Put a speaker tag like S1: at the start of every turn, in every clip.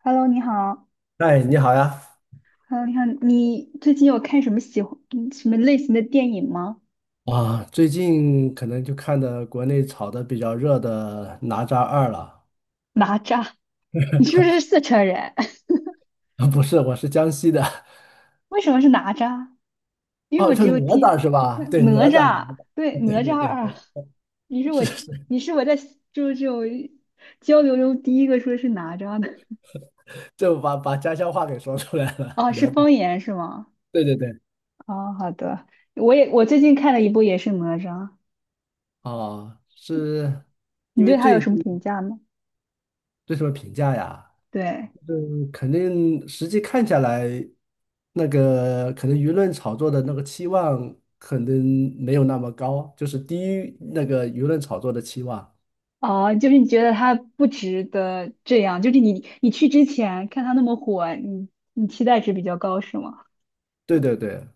S1: Hello，你好。
S2: 哎，你好呀！
S1: Hello，你好。你最近有看什么喜欢什么类型的电影吗？
S2: 最近可能就看的国内炒的比较热的《哪吒二》了。
S1: 哪吒，你是不是四川人？
S2: 啊不是，我是江西的。
S1: 为什么是哪吒？因为
S2: 哦，
S1: 我
S2: 是
S1: 只
S2: 哪
S1: 有
S2: 吒
S1: 听
S2: 是吧？对，哪
S1: 哪
S2: 吒，哪
S1: 吒，
S2: 吒。
S1: 对，
S2: 啊对
S1: 哪
S2: 对
S1: 吒
S2: 对，
S1: 二。你是我，
S2: 是是，
S1: 你是我在就是这种交流中第一个说是哪吒的。
S2: 就把家乡话给说出来了。
S1: 哦，
S2: 哪
S1: 是
S2: 吒，
S1: 方言是吗？
S2: 对对对。
S1: 哦，好的。我最近看了一部也是哪吒，
S2: 哦，是
S1: 你
S2: 因为
S1: 对他有
S2: 最
S1: 什么评
S2: 近
S1: 价吗？
S2: 对什么评价呀？
S1: 对。
S2: 肯定实际看下来，那个可能舆论炒作的那个期望可能没有那么高，就是低于那个舆论炒作的期望。
S1: 哦，就是你觉得他不值得这样，就是你去之前看他那么火，你期待值比较高是吗？
S2: 对对对，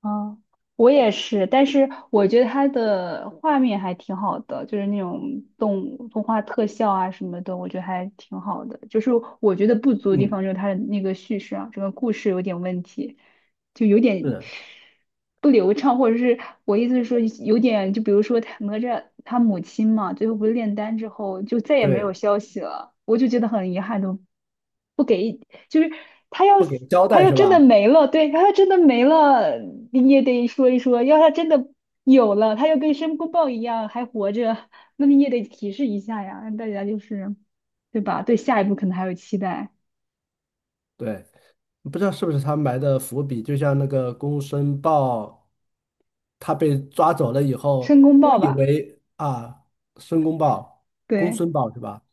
S1: 哦，我也是，但是我觉得它的画面还挺好的，就是那种动物动画特效啊什么的，我觉得还挺好的。就是我觉得不足的地
S2: 嗯，
S1: 方就是它的那个叙事啊，整个故事有点问题，就有点
S2: 是，
S1: 不流畅，或者是我意思是说有点，就比如说他哪吒他母亲嘛，最后不是炼丹之后就再也没有
S2: 对，
S1: 消息了，我就觉得很遗憾，都不给就是他要
S2: 不给
S1: 死
S2: 交
S1: 他
S2: 代
S1: 要
S2: 是
S1: 真的
S2: 吧？
S1: 没了，对，他要真的没了，你也得说一说；要他真的有了，他又跟申公豹一样还活着，那你也得提示一下呀，让大家就是对吧？对下一步可能还有期待，
S2: 对，不知道是不是他埋的伏笔，就像那个《公孙豹》，他被抓走了以
S1: 申
S2: 后，
S1: 公
S2: 都
S1: 豹
S2: 以
S1: 吧，
S2: 为啊，申公豹、公
S1: 对，
S2: 孙豹是吧？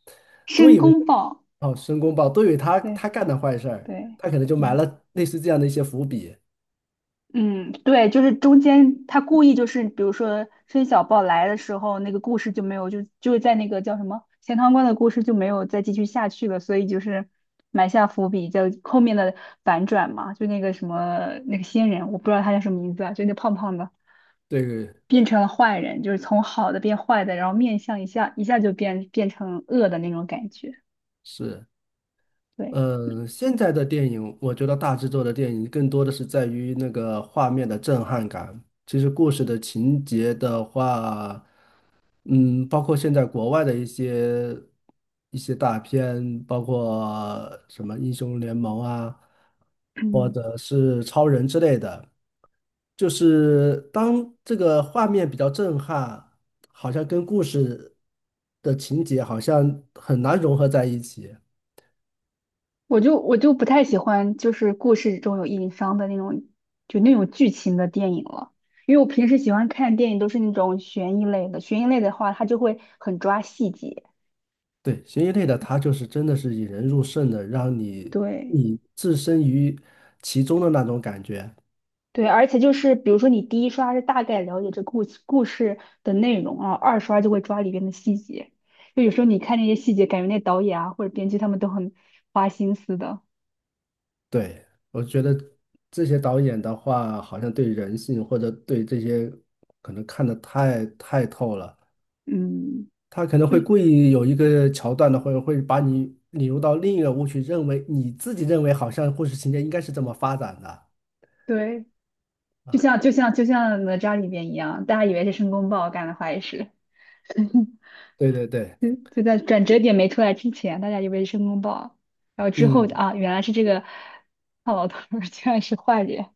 S2: 都
S1: 申
S2: 以为。
S1: 公豹，
S2: 哦，申公豹都以为他
S1: 对
S2: 他干的坏事儿，
S1: 对，
S2: 他可能就埋
S1: 嗯。
S2: 了类似这样的一些伏笔。
S1: 嗯，对，就是中间他故意就是，比如说申小豹来的时候，那个故事就没有，就是在那个叫什么钱塘关的故事就没有再继续下去了，所以就是埋下伏笔，叫后面的反转嘛，就那个什么那个仙人，我不知道他叫什么名字啊，就那胖胖的
S2: 对，
S1: 变成了坏人，就是从好的变坏的，然后面相一下一下就变成恶的那种感觉，
S2: 是，
S1: 对。
S2: 嗯，现在的电影，我觉得大制作的电影更多的是在于那个画面的震撼感。其实故事的情节的话，嗯，包括现在国外的一些大片，包括什么英雄联盟啊，或
S1: 嗯。
S2: 者是超人之类的，就是当这个画面比较震撼，好像跟故事的情节好像很难融合在一起。
S1: 我就不太喜欢，就是故事中有硬伤的那种，就那种剧情的电影了。因为我平时喜欢看电影都是那种悬疑类的，悬疑类的话，它就会很抓细节。
S2: 对，悬疑类的，它就是真的是引人入胜的，让你
S1: 对
S2: 你置身于其中的那种感觉。
S1: 对，而且就是比如说你第一刷是大概了解这故事的内容啊，二刷就会抓里边的细节。就有时候你看那些细节，感觉那导演啊或者编剧他们都很花心思的。
S2: 对，我觉得这些导演的话，好像对人性或者对这些可能看得太透了。
S1: 嗯，
S2: 他可能
S1: 就
S2: 会故意有一个桥段的，或者会把你引入到另一个误区，认为你自己认为好像故事情节应该是这么发展的
S1: 对，
S2: 啊。
S1: 就像哪吒里边一样，大家以为是申公豹干的坏事。
S2: 对对对，
S1: 就在转折点没出来之前，大家以为是申公豹，然后之后
S2: 嗯，
S1: 啊，原来是这个 胖老头儿居然是坏人，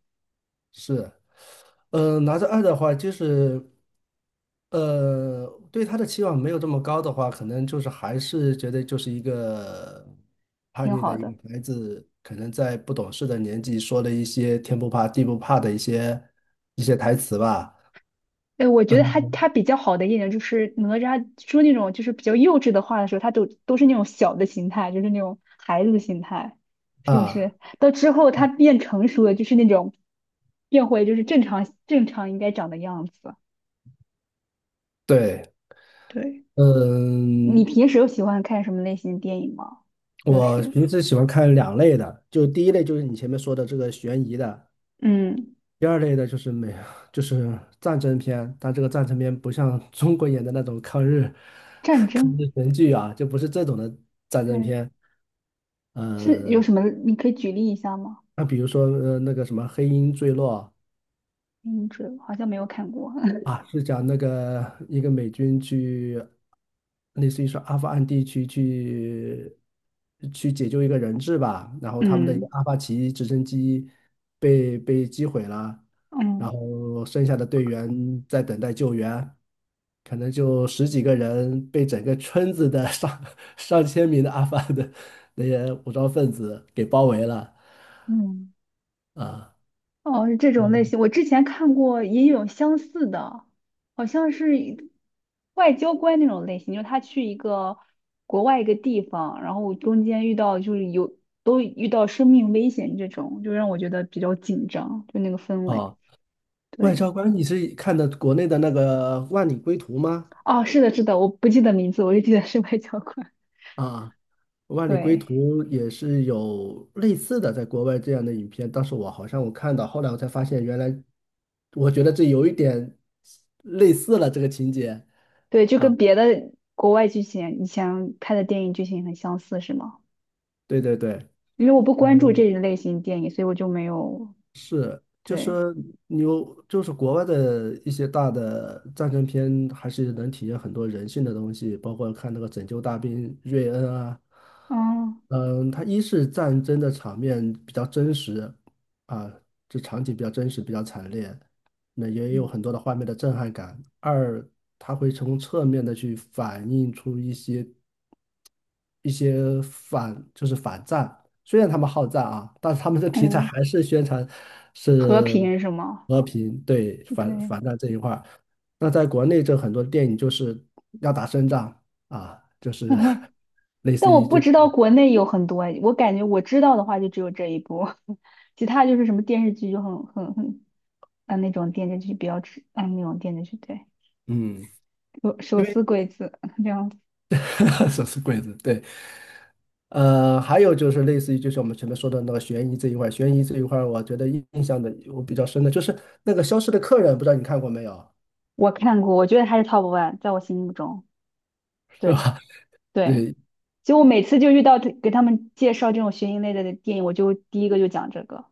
S2: 是。拿着二的话，就是对他的期望没有这么高的话，可能就是还是觉得就是一个叛
S1: 挺
S2: 逆的
S1: 好
S2: 一个
S1: 的。
S2: 孩子，可能在不懂事的年纪说了一些天不怕地不怕的一些台词吧。
S1: 哎，我觉得他
S2: 嗯
S1: 他比较好的一点就是哪吒说那种就是比较幼稚的话的时候，他都是那种小的心态，就是那种孩子的心态，是不是？
S2: 啊，
S1: 到之后他变成熟了，就是那种变回就是正常应该长的样子。
S2: 对，
S1: 对，你
S2: 嗯，
S1: 平时有喜欢看什么类型的电影吗？就
S2: 我
S1: 是
S2: 平时喜欢看两类的，就第一类就是你前面说的这个悬疑的，
S1: 嗯，
S2: 第二类的就是美，就是战争片，但这个战争片不像 中国演的那种抗日
S1: 战争。
S2: 神剧啊，就不是这种的战争
S1: 对。
S2: 片。
S1: 是有
S2: 嗯、
S1: 什么？你可以举例一下吗？
S2: 那比如说那个什么《黑鹰坠落》
S1: 名字好像没有看过。
S2: 啊，是讲那个一个美军去，类似于说阿富汗地区去去解救一个人质吧，然后他们的一个
S1: 嗯，
S2: 阿帕奇直升机被击毁了，然
S1: 嗯
S2: 后剩下的队员在等待救援。可能就十几个人被整个村子的上 上千名的阿富汗的那些武装分子给包围了
S1: 嗯，
S2: 啊
S1: 哦，是这种类型。我之前看过也有相似的，好像是一外交官那种类型，就是他去一个国外一个地方，然后中间遇到就是有都遇到生命危险这种，就让我觉得比较紧张，就那个氛围。
S2: 哦，外
S1: 对，
S2: 交官，你是看的国内的那个《万里归途》吗？
S1: 哦，是的，是的，我不记得名字，我就记得是外交官。
S2: 啊，《万里归
S1: 对。
S2: 途》也是有类似的，在国外这样的影片，当时我好像看到，后来我才发现，原来我觉得这有一点类似了这个情节
S1: 对，就跟
S2: 啊，
S1: 别的国外剧情以前拍的电影剧情很相似，是吗？
S2: 对对对。
S1: 因为我不关注这一
S2: 嗯
S1: 类型电影，所以我就没有
S2: 就
S1: 对，
S2: 是你有，就是国外的一些大的战争片，还是能体现很多人性的东西，包括看那个《拯救大兵瑞恩》啊，
S1: 嗯
S2: 嗯，它一是战争的场面比较真实啊，这场景比较真实，比较惨烈，那也有
S1: 嗯，
S2: 很多的画面的震撼感。二，它会从侧面的去反映出一些反就是反战，虽然他们好战啊，但是他们的题材
S1: 嗯，
S2: 还是宣传
S1: 和
S2: 是
S1: 平是吗？
S2: 和平，对反
S1: 对，
S2: 反战这一块儿。那在国内，这很多电影就是要打胜仗啊，就是 类
S1: 但
S2: 似
S1: 我
S2: 于
S1: 不
S2: 这，
S1: 知道国内有很多，我感觉我知道的话就只有这一部，其他就是什么电视剧就很啊那种电视剧比较吃啊那种电视剧对，
S2: 嗯，
S1: 手
S2: 因
S1: 撕
S2: 为
S1: 鬼子这样子，
S2: 手是鬼子？对，还有就是类似于就是我们前面说的那个悬疑这一块儿，悬疑这一块儿，我觉得印象我比较深的就是那个《消失的客人》，不知道你看过没有，
S1: 我看过，我觉得还是 top one，在我心目中，
S2: 是
S1: 对
S2: 吧？
S1: 对。
S2: 对，
S1: 就我每次就遇到他给他们介绍这种悬疑类的电影，我就第一个就讲这个。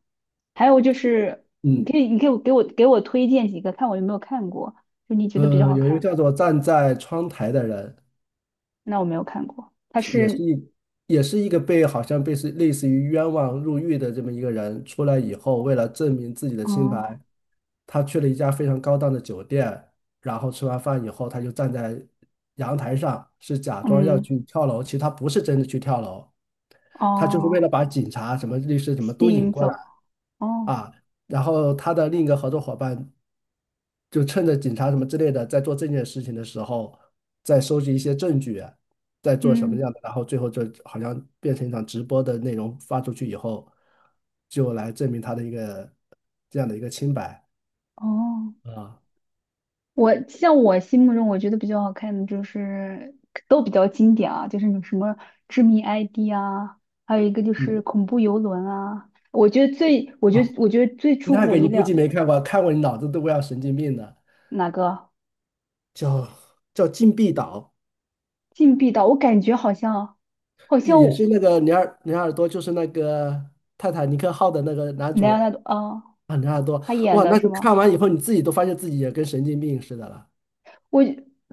S1: 还有就是，
S2: 嗯，
S1: 你可以给我推荐几个，看我有没有看过，就你觉得比较好
S2: 有一个
S1: 看。
S2: 叫做站在窗台的人，
S1: 那我没有看过，它
S2: 是也是
S1: 是，
S2: 一也是一个被好像被是类似于冤枉入狱的这么一个人，出来以后，为了证明自己的清白，
S1: 嗯
S2: 他去了一家非常高档的酒店，然后吃完饭以后，他就站在阳台上，是假装要
S1: 嗯
S2: 去跳楼，其实他不是真的去跳楼，他就是为了
S1: 哦，
S2: 把警察、什么律师什么
S1: 吸
S2: 都引
S1: 引
S2: 过
S1: 走，
S2: 来
S1: 哦
S2: 啊。然后他的另一个合作伙伴就趁着警察什么之类的在做这件事情的时候，在收集一些证据啊，在做什么
S1: 嗯
S2: 样的，然后最后就好像变成一场直播的内容发出去以后，就来证明他的一个这样的一个清白
S1: 哦。
S2: 啊，
S1: 我像我心目中我觉得比较好看的就是都比较经典啊，就是有什么《致命 ID》啊，还有一个就是
S2: 嗯，
S1: 《恐怖游轮》啊。
S2: 啊，
S1: 我觉得最出乎
S2: 那
S1: 我
S2: 个
S1: 意
S2: 你估计
S1: 料，
S2: 没看过，看过你脑子都快要神经病的，
S1: 哪个
S2: 叫叫禁闭岛，
S1: 《禁闭岛》？我感觉好像好像
S2: 也是那个尼尔多，就是那个泰坦尼克号的那个男主
S1: 莱昂
S2: 人
S1: 纳多啊，
S2: 啊，尼尔多，
S1: 他演
S2: 哇，
S1: 的
S2: 那
S1: 是
S2: 个
S1: 吗？
S2: 看完以后你自己都发现自己也跟神经病似的了。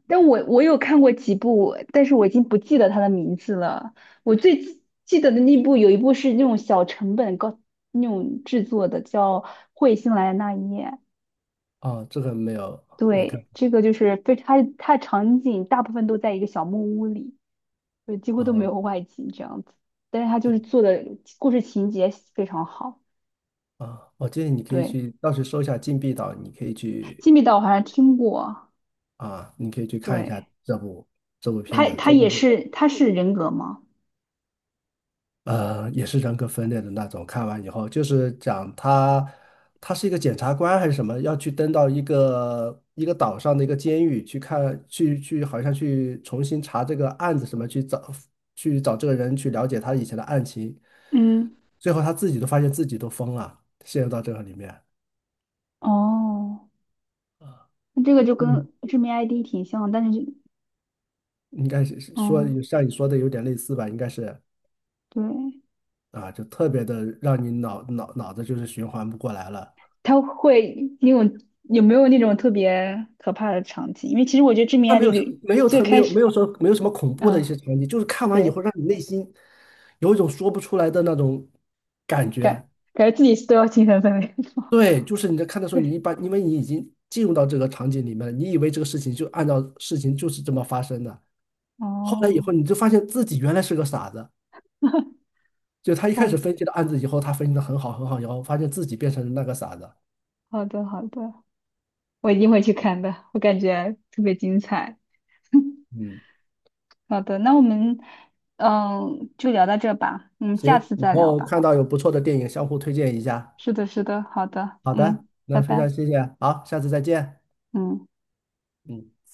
S1: 但我有看过几部，但是我已经不记得它的名字了。我最记得的那部有一部是那种小成本高那种制作的，叫《彗星来的那一夜》。
S2: 哦，这个没看
S1: 对，
S2: 过
S1: 这个就是非它场景大部分都在一个小木屋里，就几乎
S2: 啊，
S1: 都没
S2: 哦
S1: 有外景这样子。但是它就
S2: 对
S1: 是做的故事情节非常好。
S2: 啊，我建议你可以
S1: 对，
S2: 去，到时搜一下《禁闭岛》，你可以去
S1: 《金密岛》我好像听过。
S2: 啊，你可以去看一下
S1: 对，
S2: 这部片
S1: 它
S2: 子，
S1: 它
S2: 真的
S1: 也
S2: 是
S1: 是它是人格吗？
S2: 也是人格分裂的那种。看完以后，就是讲他他是一个检察官还是什么，要去登到一个岛上的一个监狱去看，去好像去重新查这个案子什么，去找这个人去了解他以前的案情，
S1: 嗯，
S2: 最后他自己都发现自己都疯了，陷入到这个里面。
S1: 哦。这个就
S2: 嗯。
S1: 跟知名 ID 挺像，但是就，
S2: 应该是是说
S1: 哦，
S2: 像你说的有点类似吧，应该是
S1: 对，
S2: 啊，就特别的让你脑子就是循环不过来了。
S1: 它会那种有没有那种特别可怕的场景？因为其实我觉得知名
S2: 他没
S1: ID
S2: 有
S1: 有
S2: 什没有
S1: 最
S2: 特没
S1: 开
S2: 有没
S1: 始，
S2: 有说没有什么恐怖的一些
S1: 嗯、
S2: 场景，就是看完以后
S1: 对，
S2: 让你内心有一种说不出来的那种感
S1: 感
S2: 觉。
S1: 感觉自己都要精神分裂。
S2: 对，就是你在看的时候，你
S1: 对，
S2: 一般因为你已经进入到这个场景里面了，你以为这个事情就按照事情就是这么发生的，后来以后
S1: 哦，
S2: 你就发现自己原来是个傻子。就他一开始
S1: 哦，
S2: 分析的案子以后，他分析的很好很好，然后发现自己变成了那个傻子。
S1: 好的好的，我一定会去看的，我感觉特别精彩。
S2: 嗯。
S1: 好的，那我们嗯就聊到这吧，嗯，
S2: 行，
S1: 下次
S2: 以
S1: 再聊
S2: 后
S1: 吧。
S2: 看到有不错的电影，相互推荐一下。
S1: 是的，是的，好的，
S2: 好的，
S1: 嗯，拜
S2: 那非常
S1: 拜，
S2: 谢谢，好，下次再见。
S1: 嗯。
S2: 嗯。